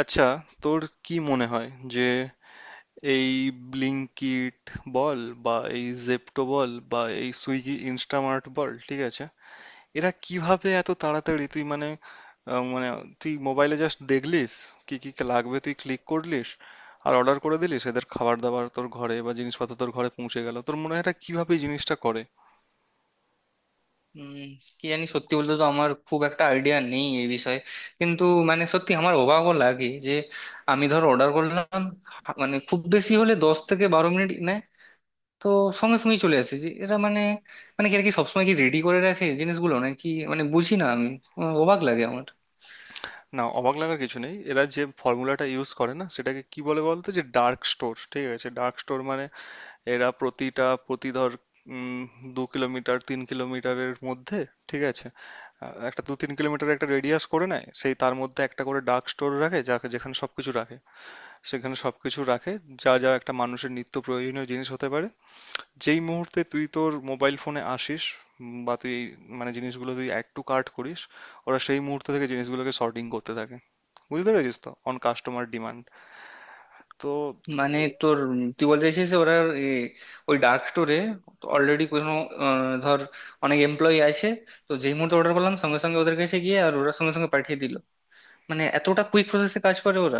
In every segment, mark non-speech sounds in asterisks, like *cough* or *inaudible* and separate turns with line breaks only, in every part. আচ্ছা, তোর কি মনে হয় যে এই ব্লিঙ্কিট বল বা এই জেপ্টো বল বা এই সুইগি ইনস্টামার্ট বল, ঠিক আছে, এরা কিভাবে এত তাড়াতাড়ি তুই মানে আহ, মানে তুই মোবাইলে জাস্ট দেখলিস কি কি লাগবে, তুই ক্লিক করলিস আর অর্ডার করে দিলিস, এদের খাবার দাবার তোর ঘরে বা জিনিসপত্র তোর ঘরে পৌঁছে গেল? তোর মনে হয় এরা কিভাবে এই জিনিসটা করে?
উম, কি জানি, সত্যি বলতে তো আমার খুব একটা আইডিয়া নেই এই বিষয়ে। কিন্তু মানে সত্যি আমার অবাকও লাগে যে আমি ধর অর্ডার করলাম, মানে খুব বেশি হলে 10 থেকে 12 মিনিট নেয়। তো সঙ্গে সঙ্গেই চলে আসে, যে এরা মানে, মানে কি আর কি সবসময় কি রেডি করে রাখে জিনিসগুলো নাকি? মানে বুঝি না আমি, আমার অবাক লাগে আমার।
না, অবাক লাগার কিছু নেই। এরা যে ফর্মুলাটা ইউজ করে না, সেটাকে কি বলে বলতো? যে ডার্ক স্টোর, ঠিক আছে? ডার্ক স্টোর মানে এরা প্রতি ধর, উম, 2 কিলোমিটার 3 কিলোমিটারের মধ্যে, ঠিক আছে, একটা 2-3 কিলোমিটার একটা রেডিয়াস করে নেয়, সেই তার মধ্যে একটা করে ডার্ক স্টোর রাখে, যেখানে সবকিছু রাখে। সেখানে সবকিছু রাখে যা যা একটা মানুষের নিত্য প্রয়োজনীয় জিনিস হতে পারে। যেই মুহূর্তে তুই তোর মোবাইল ফোনে আসিস, বা তুই এই মানে জিনিসগুলো তুই অ্যাড টু কার্ট করিস, ওরা সেই মুহূর্ত থেকে জিনিসগুলোকে সর্টিং করতে থাকে। বুঝতে পেরেছিস তো? On customer demand. তো
মানে তোর তুই বলতে চাইছিস যে ওরা এ, ওই ডার্ক স্টোরে অলরেডি কোনো ধর অনেক এমপ্লয়ি আছে, তো যেই মুহূর্তে অর্ডার করলাম সঙ্গে সঙ্গে ওদের কাছে গিয়ে আর ওরা সঙ্গে সঙ্গে পাঠিয়ে দিল? মানে এতটা কুইক প্রসেসে কাজ করে ওরা?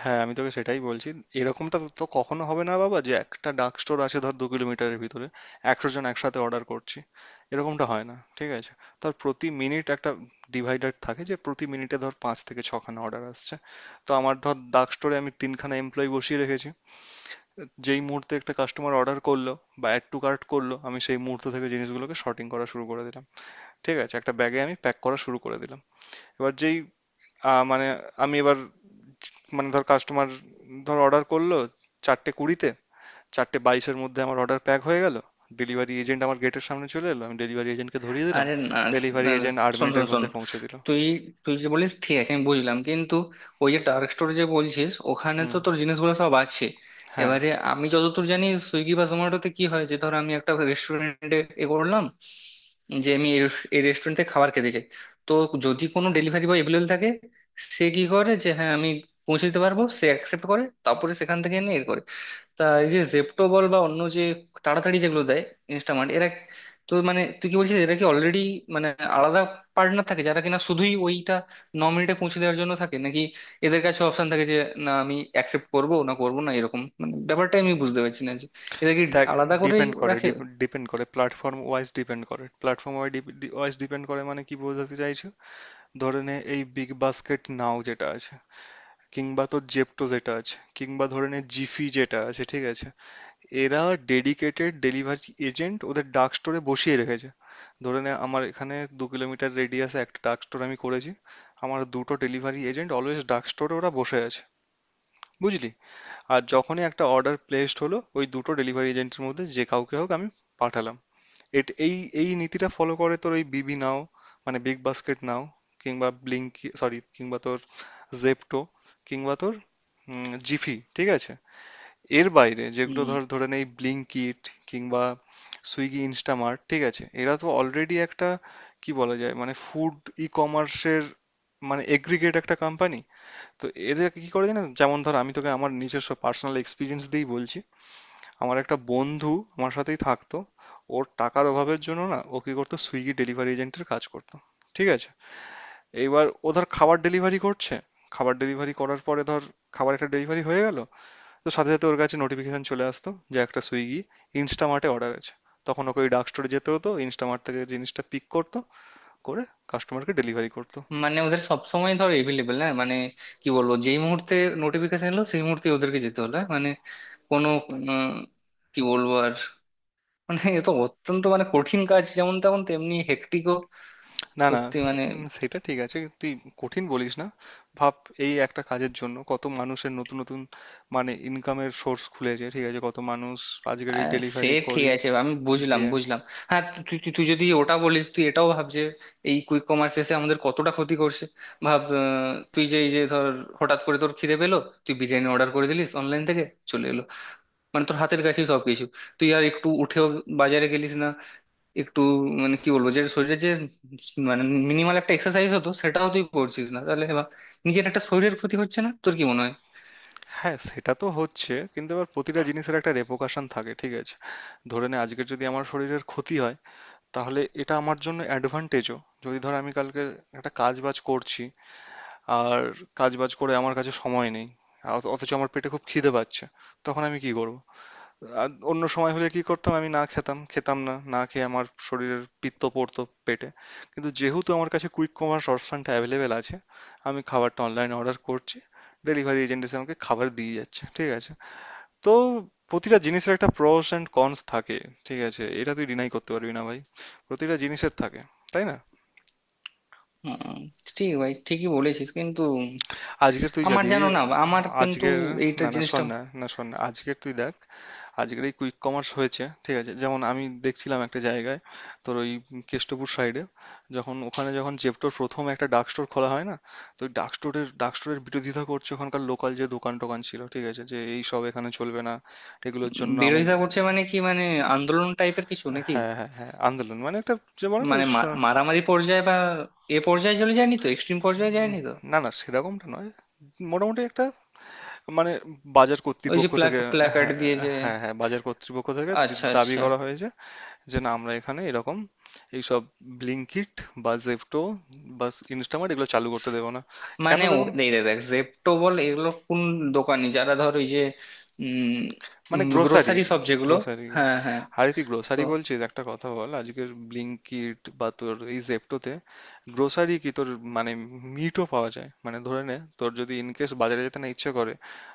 হ্যাঁ, আমি তোকে সেটাই বলছি। এরকমটা তো তো কখনো হবে না বাবা, যে একটা ডার্ক স্টোর আছে ধর 2 কিলোমিটারের ভিতরে, 100 জন একসাথে অর্ডার করছি, এরকমটা হয় না, ঠিক আছে? তার প্রতি মিনিট একটা ডিভাইডার থাকে, যে প্রতি মিনিটে ধর 5 থেকে 6 খানা অর্ডার আসছে। তো আমার ধর ডার্ক স্টোরে আমি 3 খানা এমপ্লয়ি বসিয়ে রেখেছি। যেই মুহূর্তে একটা কাস্টমার অর্ডার করলো বা অ্যাড টু কার্ট করলো, আমি সেই মুহূর্ত থেকে জিনিসগুলোকে শর্টিং করা শুরু করে দিলাম, ঠিক আছে, একটা ব্যাগে আমি প্যাক করা শুরু করে দিলাম। এবার যেই আহ, মানে আমি এবার মানে ধর কাস্টমার ধর অর্ডার করলো 4:20-এ, 4:22-এর মধ্যে আমার অর্ডার প্যাক হয়ে গেল, ডেলিভারি এজেন্ট আমার গেটের সামনে চলে এলো, আমি ডেলিভারি এজেন্টকে ধরিয়ে দিলাম,
আরে না,
ডেলিভারি
না,
এজেন্ট আট
শোন শোন
মিনিটের
শোন।
মধ্যে পৌঁছে দিল।
তুই তুই যে বলিস ঠিক আছে, আমি বুঝলাম, কিন্তু ওই যে ডার্ক স্টোর যে বলছিস, ওখানে
হুম।
তো তোর জিনিসগুলো সব আছে।
হ্যাঁ।
এবারে আমি যতদূর জানি সুইগি বা জোম্যাটোতে কি হয়, যে ধর আমি একটা রেস্টুরেন্টে এ করলাম যে আমি এই এই রেস্টুরেন্টে খাবার খেতে চাই। তো যদি কোনো ডেলিভারি বয় এভেলেবেল থাকে, সে কি করে যে, হ্যাঁ আমি পৌঁছে দিতে পারবো, সে অ্যাকসেপ্ট করে তারপরে সেখান থেকে এনে এর করে। তা এই যে জেপ্টো বল বা অন্য যে তাড়াতাড়ি যেগুলো দেয়, ইনস্টামার্ট, এরা তো মানে তুই কি বলছিস, এরা কি অলরেডি মানে আলাদা পার্টনার থাকে যারা কিনা শুধুই ওইটা 9 মিনিটে পৌঁছে দেওয়ার জন্য থাকে নাকি? এদের কাছে অপশন থাকে যে না আমি অ্যাকসেপ্ট করবো না, করবো না, এরকম? মানে ব্যাপারটা আমি বুঝতে পারছি না যে এদের কি
দেখ,
আলাদা করেই
ডিপেন্ড করে।
রাখে।
ডিপেন্ড করে প্ল্যাটফর্ম ওয়াইজ। ডিপেন্ড করে প্ল্যাটফর্ম ওয়াইজ। ডিপেন্ড করে মানে কি বোঝাতে চাইছো? ধরে নে এই বিগ বাস্কেট নাও যেটা আছে, কিংবা তোর জেপটো যেটা আছে, কিংবা ধরে নে জিফি যেটা আছে, ঠিক আছে, এরা ডেডিকেটেড ডেলিভারি এজেন্ট ওদের ডার্ক স্টোরে বসিয়ে রেখেছে। ধরে নে আমার এখানে 2 কিলোমিটার রেডিয়াসে একটা ডার্ক স্টোর আমি করেছি, আমার দুটো ডেলিভারি এজেন্ট অলওয়েজ ডার্ক স্টোরে ওরা বসে আছে, বুঝলি? আর যখনই একটা অর্ডার প্লেসড হলো, ওই দুটো ডেলিভারি এজেন্টের মধ্যে যে কাউকে হোক আমি পাঠালাম। এট এই এই নীতিটা ফলো করে তোর ওই বিবি নাও, মানে বিগ বাস্কেট নাও, কিংবা ব্লিঙ্কি সরি, কিংবা তোর জেপ্টো, কিংবা তোর জিফি, ঠিক আছে? এর বাইরে যেগুলো
হুম।
ধর, ধরে নে এই ব্লিঙ্কিট কিংবা সুইগি ইনস্টামার্ট, ঠিক আছে, এরা তো অলরেডি একটা কি বলা যায় মানে ফুড ই কমার্সের মানে এগ্রিগেট একটা কোম্পানি। তো এদের কি করে জানেন, যেমন ধর আমি তোকে আমার নিজস্ব পার্সোনাল এক্সপিরিয়েন্স দিয়েই বলছি। আমার একটা বন্ধু আমার সাথেই থাকতো, ওর টাকার অভাবের জন্য না ও কি করতো, সুইগি ডেলিভারি এজেন্টের কাজ করতো, ঠিক আছে? এইবার ও ধর খাবার ডেলিভারি করছে, খাবার ডেলিভারি করার পরে ধর খাবার একটা ডেলিভারি হয়ে গেল, তো সাথে সাথে ওর কাছে নোটিফিকেশন চলে আসতো যে একটা সুইগি ইনস্টামার্টে অর্ডার আছে, তখন ওকে ওই ডার্ক স্টোরে যেতে হতো, ইনস্টামার্ট থেকে জিনিসটা পিক করতো করে কাস্টমারকে ডেলিভারি করতো।
মানে ওদের সব সময় ধর এভেলেবেল, না মানে কি বলবো, যেই মুহূর্তে নোটিফিকেশন এলো সেই মুহূর্তে ওদেরকে যেতে হলো হ্যাঁ? মানে কোনো উম, কি বলবো আর, মানে এ তো অত্যন্ত মানে কঠিন কাজ, যেমন তেমন তেমনি হেক্টিকও।
না না,
সত্যি মানে।
সেটা ঠিক আছে, তুই কঠিন বলিস না। ভাব, এই একটা কাজের জন্য কত মানুষের নতুন নতুন মানে ইনকামের সোর্স খুলেছে, ঠিক আছে, কত মানুষ আজকের এই
সে
ডেলিভারি
ঠিক
করে
আছে, আমি বুঝলাম
দিয়ে।
বুঝলাম। হ্যাঁ, তু- তুই তুই তুই যদি ওটা বলিস, তুই এটাও ভাব যে এই কুইক কমার্স এসে আমাদের কতটা ক্ষতি করছে। ভাব তুই যে এই যে ধর, হঠাৎ করে তোর খিদে পেলো, তুই বিরিয়ানি অর্ডার করে দিলিস অনলাইন থেকে, চলে এলো। মানে তোর হাতের কাছেই সবকিছু, তুই আর একটু উঠেও বাজারে গেলিস না, একটু মানে কি বলবো, যে শরীরের যে মানে মিনিমাল একটা এক্সারসাইজ হতো, সেটাও তুই করছিস না। তাহলে এবার নিজের একটা শরীরের ক্ষতি হচ্ছে না, তোর কি মনে হয়?
হ্যাঁ সেটা তো হচ্ছে, কিন্তু এবার প্রতিটা জিনিসের একটা রেপোকাশন থাকে, ঠিক আছে? ধরে নে আজকের যদি আমার শরীরের ক্ষতি হয়, তাহলে এটা আমার জন্য অ্যাডভান্টেজও। যদি ধর আমি কালকে একটা কাজ বাজ করছি, আর কাজ বাজ করে আমার কাছে সময় নেই, অথচ আমার পেটে খুব খিদে পাচ্ছে, তখন আমি কি করব? আর অন্য সময় হলে কি করতাম? আমি না খেতাম, খেতাম না, না খেয়ে আমার শরীরের পিত্ত পড়তো পেটে। কিন্তু যেহেতু আমার কাছে কুইক কমার্স অপশনটা অ্যাভেলেবেল আছে, আমি খাবারটা অনলাইন অর্ডার করছি, ডেলিভারি এজেন্ট এসে আমাকে খাবার দিয়ে যাচ্ছে, ঠিক আছে? তো প্রতিটা জিনিসের একটা প্রোস এন্ড কনস থাকে, ঠিক আছে, এটা তুই ডিনাই করতে পারবি না ভাই, প্রতিটা জিনিসের থাকে, তাই না?
হুম। ঠিক ভাই, ঠিকই বলেছিস, কিন্তু
আজকে তুই
আমার
যদি
জানো না আমার কিন্তু
আজকের,
এইটা
না না
জিনিসটা।
শোন না, না শোন না, আজকের তুই দেখ, আজকের এই কুইক কমার্স হয়েছে, ঠিক আছে, যেমন আমি দেখছিলাম একটা জায়গায়, তোর ওই কেষ্টপুর সাইডে, যখন ওখানে যখন জেপ্টোর প্রথম একটা ডার্ক স্টোর খোলা হয় না, তো ওই ডার্ক স্টোরের বিরোধিতা করছে ওখানকার লোকাল যে দোকান টোকান ছিল, ঠিক আছে, যে এই সব এখানে চলবে না, এগুলোর জন্য
বিরোধিতা
আমাদের।
করছে মানে কি মানে, আন্দোলন টাইপের কিছু নাকি?
হ্যাঁ হ্যাঁ হ্যাঁ, আন্দোলন মানে একটা, যে বলে না
মানে
যে
মারামারি পর্যায়ে বা এ পর্যায়ে চলে যায়নি তো, এক্সট্রিম পর্যায়ে
উম,
যায়নি তো?
না না, সেরকমটা নয়, মোটামুটি একটা মানে বাজার
ওই যে
কর্তৃপক্ষ থেকে।
প্ল্যাকার্ড
হ্যাঁ
দিয়ে যে।
হ্যাঁ হ্যাঁ, বাজার কর্তৃপক্ষ থেকে
আচ্ছা,
দাবি
আচ্ছা।
করা হয়েছে যে না, আমরা এখানে এরকম এইসব ব্লিঙ্কিট বা জেপ্টো বা ইনস্টামার্ট এগুলো চালু করতে দেবো না। কেন
মানে ও
দেখুন,
দেখ দেখ দেখ, জেপ্টো বল এগুলো কোন দোকানি, যারা ধর ওই যে উম
মানে গ্রোসারি,
গ্রোসারি সব যেগুলো।
গ্রোসারি,
হ্যাঁ, হ্যাঁ।
আরে তুই
তো
গ্রোসারি বলছিস? একটা কথা বল, আজকের ব্লিঙ্কিট বা তোর এই জেপ্টোতে গ্রোসারি কি তোর মানে মিটও পাওয়া যায়। মানে ধরে নে তোর যদি ইনকেস বাজারে যেতে না ইচ্ছে করে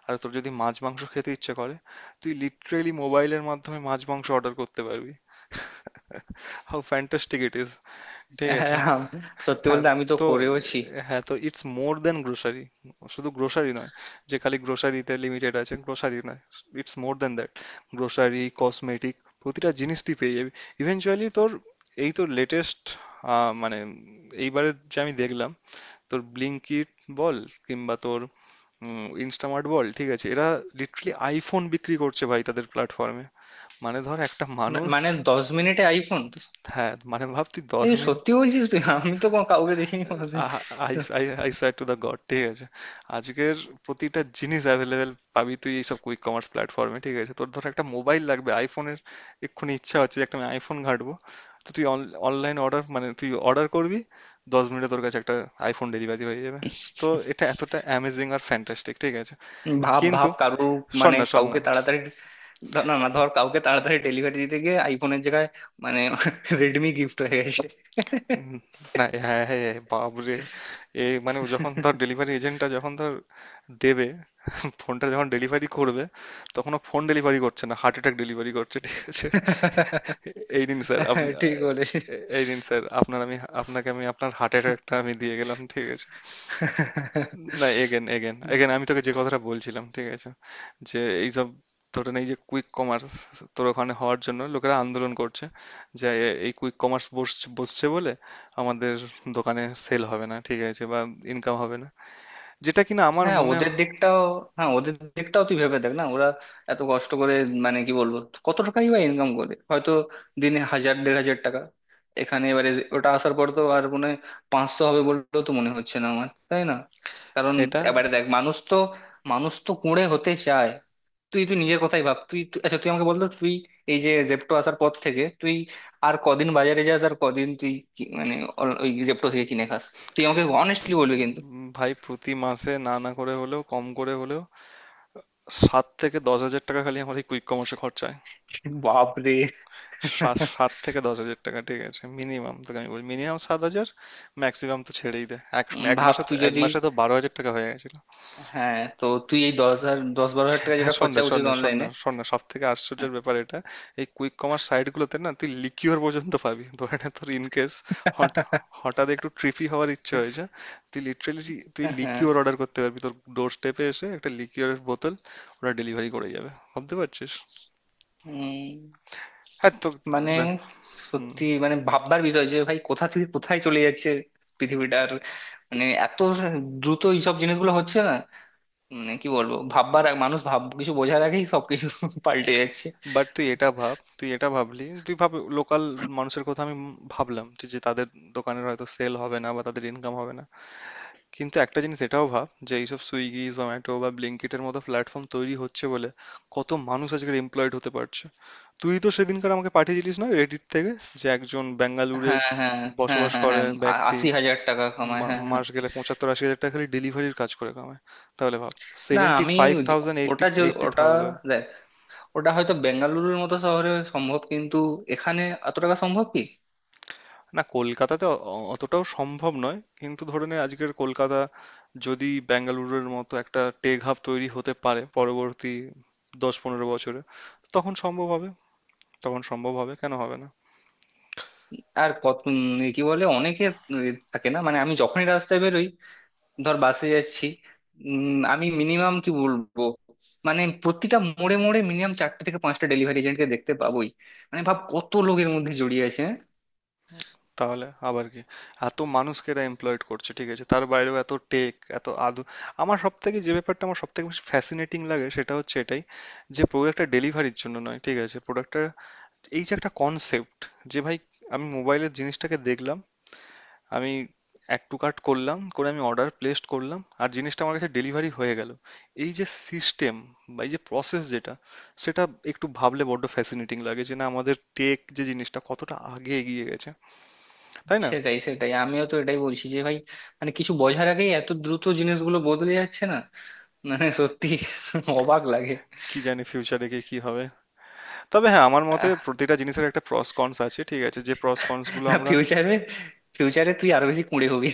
আর তোর যদি মাছ মাংস খেতে ইচ্ছে করে, তুই লিটারেলি মোবাইলের মাধ্যমে মাছ মাংস অর্ডার করতে পারবি। *laughs* How fantastic it is! ঠিক
হ্যাঁ,
আছে?
হ্যাঁ, সত্যি
হ্যাঁ
বলতে আমি তো
তো,
করেওছি।
হ্যাঁ তো ইটস মোর দ্যান গ্রোসারি, শুধু গ্রোসারি নয়, যে খালি গ্রোসারিতে লিমিটেড আছে, গ্রোসারি নয়, it's more than that. Grocery, cosmetic, প্রতিটা জিনিস তুই পেয়ে যাবি। ইভেনচুয়ালি তোর এই তো লেটেস্ট মানে এইবারে যে আমি দেখলাম, তোর ব্লিঙ্কিট বল কিংবা তোর ইনস্টামার্ট বল, ঠিক আছে, এরা লিটারালি আইফোন বিক্রি করছে ভাই তাদের প্ল্যাটফর্মে। মানে ধর একটা মানুষ,
মানে 10 মিনিটে আইফোন?
হ্যাঁ মানে ভাব তুই দশ
এই
মিনিট
সত্যি বলছিস তুই? আমি তো কোনো কাউকে দেখিনি কোনোদিন।
I I I swear to the God, ঠিক আছে? আজকের প্রতিটা জিনিস অ্যাভেলেবেল পাবি তুই এইসব কুইক কমার্স প্ল্যাটফর্মে, ঠিক আছে? তোর ধর একটা মোবাইল লাগবে আইফোনের, এক্ষুনি ইচ্ছা হচ্ছে যে একটা আমি আইফোন ঘাঁটবো, তো তুই অনলাইন অর্ডার মানে তুই অর্ডার করবি, 10 মিনিটে তোর কাছে একটা আইফোন ডেলিভারি হয়ে যাবে। তো এটা এতটা অ্যামেজিং আর ফ্যান্টাস্টিক, ঠিক আছে?
ভাব
কিন্তু
ভাব কারুর,
শোন
মানে
না, শোন না,
কাউকে তাড়াতাড়ি, না না ধর, কাউকে তাড়াতাড়ি ডেলিভারি দিতে গিয়ে আইফোনের জায়গায় মানে রেডমি গিফট হয়ে গেছে।
উম, না হ্যাঁ হ্যাঁ, বাবরে! এ মানে ও যখন ধর ডেলিভারি এজেন্টটা যখন ধর দেবে, ফোনটা যখন ডেলিভারি করবে, তখন ও ফোন ডেলিভারি করছে না, হার্ট অ্যাটাক ডেলিভারি করছে, ঠিক আছে? এই নিন স্যার, আপনি,
ঠিক বলেছিস।
এই নিন স্যার আপনার, আমি আপনাকে, আমি আপনার হার্ট অ্যাটাকটা আমি দিয়ে গেলাম, ঠিক আছে? না, এগেন এগেন এগেন, আমি তোকে যে কথাটা বলছিলাম, ঠিক আছে, যে এইসব ধরেন এই যে কুইক কমার্স তোর ওখানে হওয়ার জন্য লোকেরা আন্দোলন করছে, যে এই কুইক কমার্স বসছে বলে আমাদের দোকানে সেল হবে না, ঠিক আছে, বা ইনকাম হবে না, যেটা কিনা আমার
হ্যাঁ,
মনে
ওদের দিকটাও, হ্যাঁ ওদের দিকটাও তুই ভেবে দেখ না। ওরা এত কষ্ট করে মানে কি বলবো, কত টাকাই বা ইনকাম করে, হয়তো দিনে 1000 দেড় হাজার টাকা। এখানে এবারে ওটা আসার পর তো আর মনে হয় 500 হবে বললেও তো মনে হচ্ছে না আমার, তাই না? কারণ
সেটা।
এবারে দেখ মানুষ তো, মানুষ তো কুঁড়ে হতে চায়। তুই তুই নিজের কথাই ভাব, তুই তুই- আচ্ছা তুই আমাকে বলতো, তুই এই যে জেপ্টো আসার পর থেকে তুই আর কদিন বাজারে যাস, আর কদিন তুই মানে ওই জেপ্টো থেকে কিনে খাস? তুই আমাকে অনেস্টলি বলবি কিন্তু।
ভাই প্রতি মাসে না না করে হলেও, কম করে হলেও 7,000 থেকে 10,000 টাকা খালি আমার এই কুইক কমার্সে খরচা হয়।
বাপরে।
সাত সাত থেকে দশ হাজার টাকা, ঠিক আছে, মিনিমাম তোকে আমি বলি মিনিমাম 7,000, ম্যাক্সিমাম তো ছেড়েই দেয়। এক এক
ভাব
মাসে তো-
তুই
এক
যদি।
মাসে তো 12,000 টাকা হয়ে গেছিল।
হ্যাঁ, তো তুই এই 10 হাজার 10 12 হাজার টাকা
হ্যাঁ
যেটা
শোন
খরচা
না শোন
উচিত
না শোন না
অনলাইনে।
শোন না, সব থেকে আশ্চর্যের ব্যাপার এটা, এই কুইক কমার্স সাইট গুলোতে না তুই লিকিউর পর্যন্ত পাবি। ধরে নে তোর ইন কেস হঠাৎ একটু ট্রিপি হওয়ার ইচ্ছে হয়েছে, তুই লিটারেলি তুই
হ্যাঁ হ্যাঁ।
লিকিউর অর্ডার করতে পারবি, তোর ডোর স্টেপে এসে একটা লিকিউরের বোতল ওরা ডেলিভারি করে যাবে, ভাবতে পারছিস?
উম,
হ্যাঁ তো
মানে
দে- হুম।
সত্যি মানে ভাববার বিষয় যে ভাই, কোথা থেকে কোথায় চলে যাচ্ছে পৃথিবীটার। মানে এত দ্রুত এইসব জিনিসগুলো হচ্ছে না, মানে কি বলবো ভাববার মানুষ ভাব কিছু বোঝার আগেই সবকিছু *laughs* পাল্টে যাচ্ছে।
বাট তুই এটা ভাব, তুই এটা ভাবলি, তুই ভাব লোকাল মানুষের কথা আমি ভাবলাম, যে যে তাদের দোকানের হয়তো সেল হবে না বা তাদের ইনকাম হবে না, কিন্তু একটা জিনিস এটাও ভাব, যে এইসব সুইগি জোম্যাটো বা ব্লিঙ্কিটের মতো প্ল্যাটফর্ম তৈরি হচ্ছে বলে কত মানুষ আজকাল এমপ্লয়েড হতে পারছে। তুই তো সেদিনকার আমাকে পাঠিয়েছিলিস না রেডিট থেকে, যে একজন বেঙ্গালুরে
হ্যাঁ, হ্যাঁ, হ্যাঁ,
বসবাস
হ্যাঁ, হ্যাঁ।
করে ব্যক্তি
80 হাজার টাকা কামায়, হ্যাঁ হ্যাঁ।
মাস গেলে 75,000-80,000 টাকা খালি ডেলিভারির কাজ করে কামায়। তাহলে ভাব,
না
সেভেন্টি
আমি
ফাইভ
জ-
থাউজেন্ড এইটটি
ওটা যে,
এইটটি
ওটা
থাউজেন্ড।
দেখ, ওটা হয়তো বেঙ্গালুরুর মতো শহরে সম্ভব, কিন্তু এখানে এত টাকা সম্ভব কি?
না কলকাতাতে অতটাও সম্ভব নয়, কিন্তু ধরে নে আজকের কলকাতা যদি বেঙ্গালুরুর মতো একটা টেক হাব তৈরি হতে পারে পরবর্তী 10-15 বছরে, তখন সম্ভব হবে। তখন সম্ভব হবে, কেন হবে না?
আর কত কি বলে অনেকে, উম, থাকে না মানে, আমি যখনই রাস্তায় বেরোই, ধর বাসে যাচ্ছি, আমি মিনিমাম কি বলবো, মানে প্রতিটা মোড়ে মোড়ে মিনিমাম 4টে থেকে 5টা ডেলিভারি এজেন্টকে দেখতে পাবোই। মানে ভাব কত লোকের মধ্যে জড়িয়ে আছে, হ্যাঁ?
তাহলে আবার কি? এত মানুষকে এরা এমপ্লয়েড করছে, ঠিক আছে, তার বাইরেও এত টেক এত আধু। আমার সব থেকে যে ব্যাপারটা, আমার সব থেকে বেশি ফ্যাসিনেটিং লাগে সেটা হচ্ছে এটাই, যে প্রোডাক্টটা ডেলিভারির জন্য নয়, ঠিক আছে, প্রোডাক্টটা এই যে একটা কনসেপ্ট, যে ভাই আমি মোবাইলের জিনিসটাকে দেখলাম, আমি অ্যাড টু কার্ট করলাম, করে আমি অর্ডার প্লেসড করলাম, আর জিনিসটা আমার কাছে ডেলিভারি হয়ে গেল। এই যে সিস্টেম বা এই যে প্রসেস যেটা, সেটা একটু ভাবলে বড্ড ফ্যাসিনেটিং লাগে, যে না আমাদের টেক যে জিনিসটা কতটা আগে এগিয়ে গেছে, তাই না?
সেটাই, সেটাই, আমিও তো এটাই বলছি যে ভাই, মানে কিছু বোঝার আগেই এত দ্রুত জিনিসগুলো বদলে যাচ্ছে না, মানে সত্যি *laughs* অবাক লাগে।
কি জানি ফিউচারে গিয়ে কি হবে। তবে হ্যাঁ, আমার মতে প্রতিটা জিনিসের একটা প্রস কনস আছে, ঠিক আছে, যে প্রস কনস গুলো
না,
আমরা।
ফিউচারে, ফিউচারে তুই আরো বেশি কুঁড়ে হবি।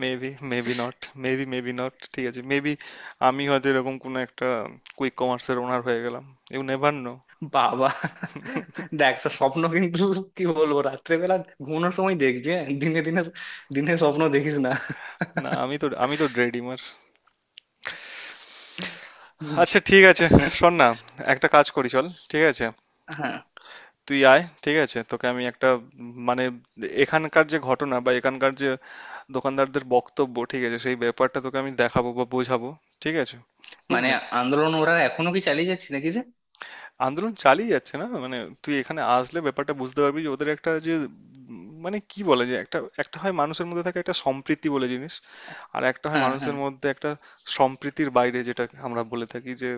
Maybe, maybe not. Maybe, maybe not, ঠিক আছে, মেবি আমি হয়তো এরকম কোনো একটা কুইক কমার্সের ওনার হয়ে গেলাম, ইউ নেভার নো।
বাবা, দেখ সব স্বপ্ন কিন্তু, কি বলবো, রাত্রেবেলা ঘুমানোর সময় দেখবি, হ্যাঁ দিনে দিনে, দিনে স্বপ্ন দেখিস না।
না আমি তো, আমি তো ড্রেডিমার। আচ্ছা ঠিক আছে, শোন না, একটা কাজ করি চল, ঠিক আছে?
হ্যাঁ।
তুই আয়, ঠিক আছে, তোকে আমি একটা মানে এখানকার যে ঘটনা বা এখানকার যে দোকানদারদের বক্তব্য, ঠিক আছে, সেই ব্যাপারটা তোকে আমি দেখাবো বা বোঝাবো, ঠিক আছে?
মানে
বুঝলি?
আন্দোলন ওরা এখনো কি চালিয়ে যাচ্ছে নাকি রে?
আন্দোলন চালিয়ে যাচ্ছে না মানে, তুই এখানে আসলে ব্যাপারটা বুঝতে পারবি যে ওদের একটা যে মানে কি বলে যে একটা, একটা হয় মানুষের মধ্যে থাকে একটা সম্প্রীতি বলে জিনিস, আর একটা হয়
হ্যাঁ, হ্যাঁ।
মানুষের মধ্যে একটা সম্প্রীতির বাইরে, যেটা আমরা বলে থাকি যে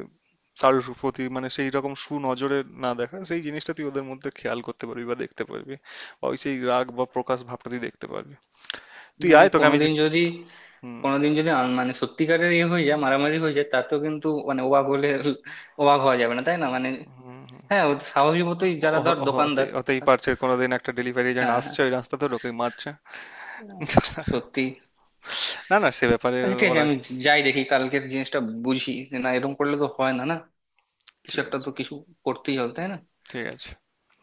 তার প্রতি মানে সেই রকম সুনজরে না দেখা, সেই জিনিসটা তুই ওদের মধ্যে খেয়াল করতে পারবি বা দেখতে পারবি, বা ওই সেই রাগ বা প্রকাশ ভাবটা তুই দেখতে পারবি। তুই
মানে
আয়, তোকে আমি যে।
কোনোদিন যদি,
হুম,
কোনোদিন যদি মানে সত্যিকারের ইয়ে হয়ে যায়, মারামারি হয়ে যায়, তাতেও কিন্তু মানে অবাক হলে, অবাক হওয়া যাবে না তাই না মানে?
হুম। হুম।
হ্যাঁ, ওটা স্বাভাবিক মতোই, যারা ধর দোকানদার।
হতেই
হ্যাঁ
পারছে, কোনোদিন একটা ডেলিভারি এজেন্ট
হ্যাঁ।
আসছে ওই রাস্তা ধরে, ওকে মারছে।
উম, সত্যি।
না না সে ব্যাপারে
আচ্ছা ঠিক আছে,
ওরা,
আমি যাই দেখি কালকের জিনিসটা, বুঝি যে না এরকম করলে তো হয় না, না কিছু
ঠিক
একটা
আছে,
তো কিছু করতেই হবে, তাই না?
ঠিক আছে।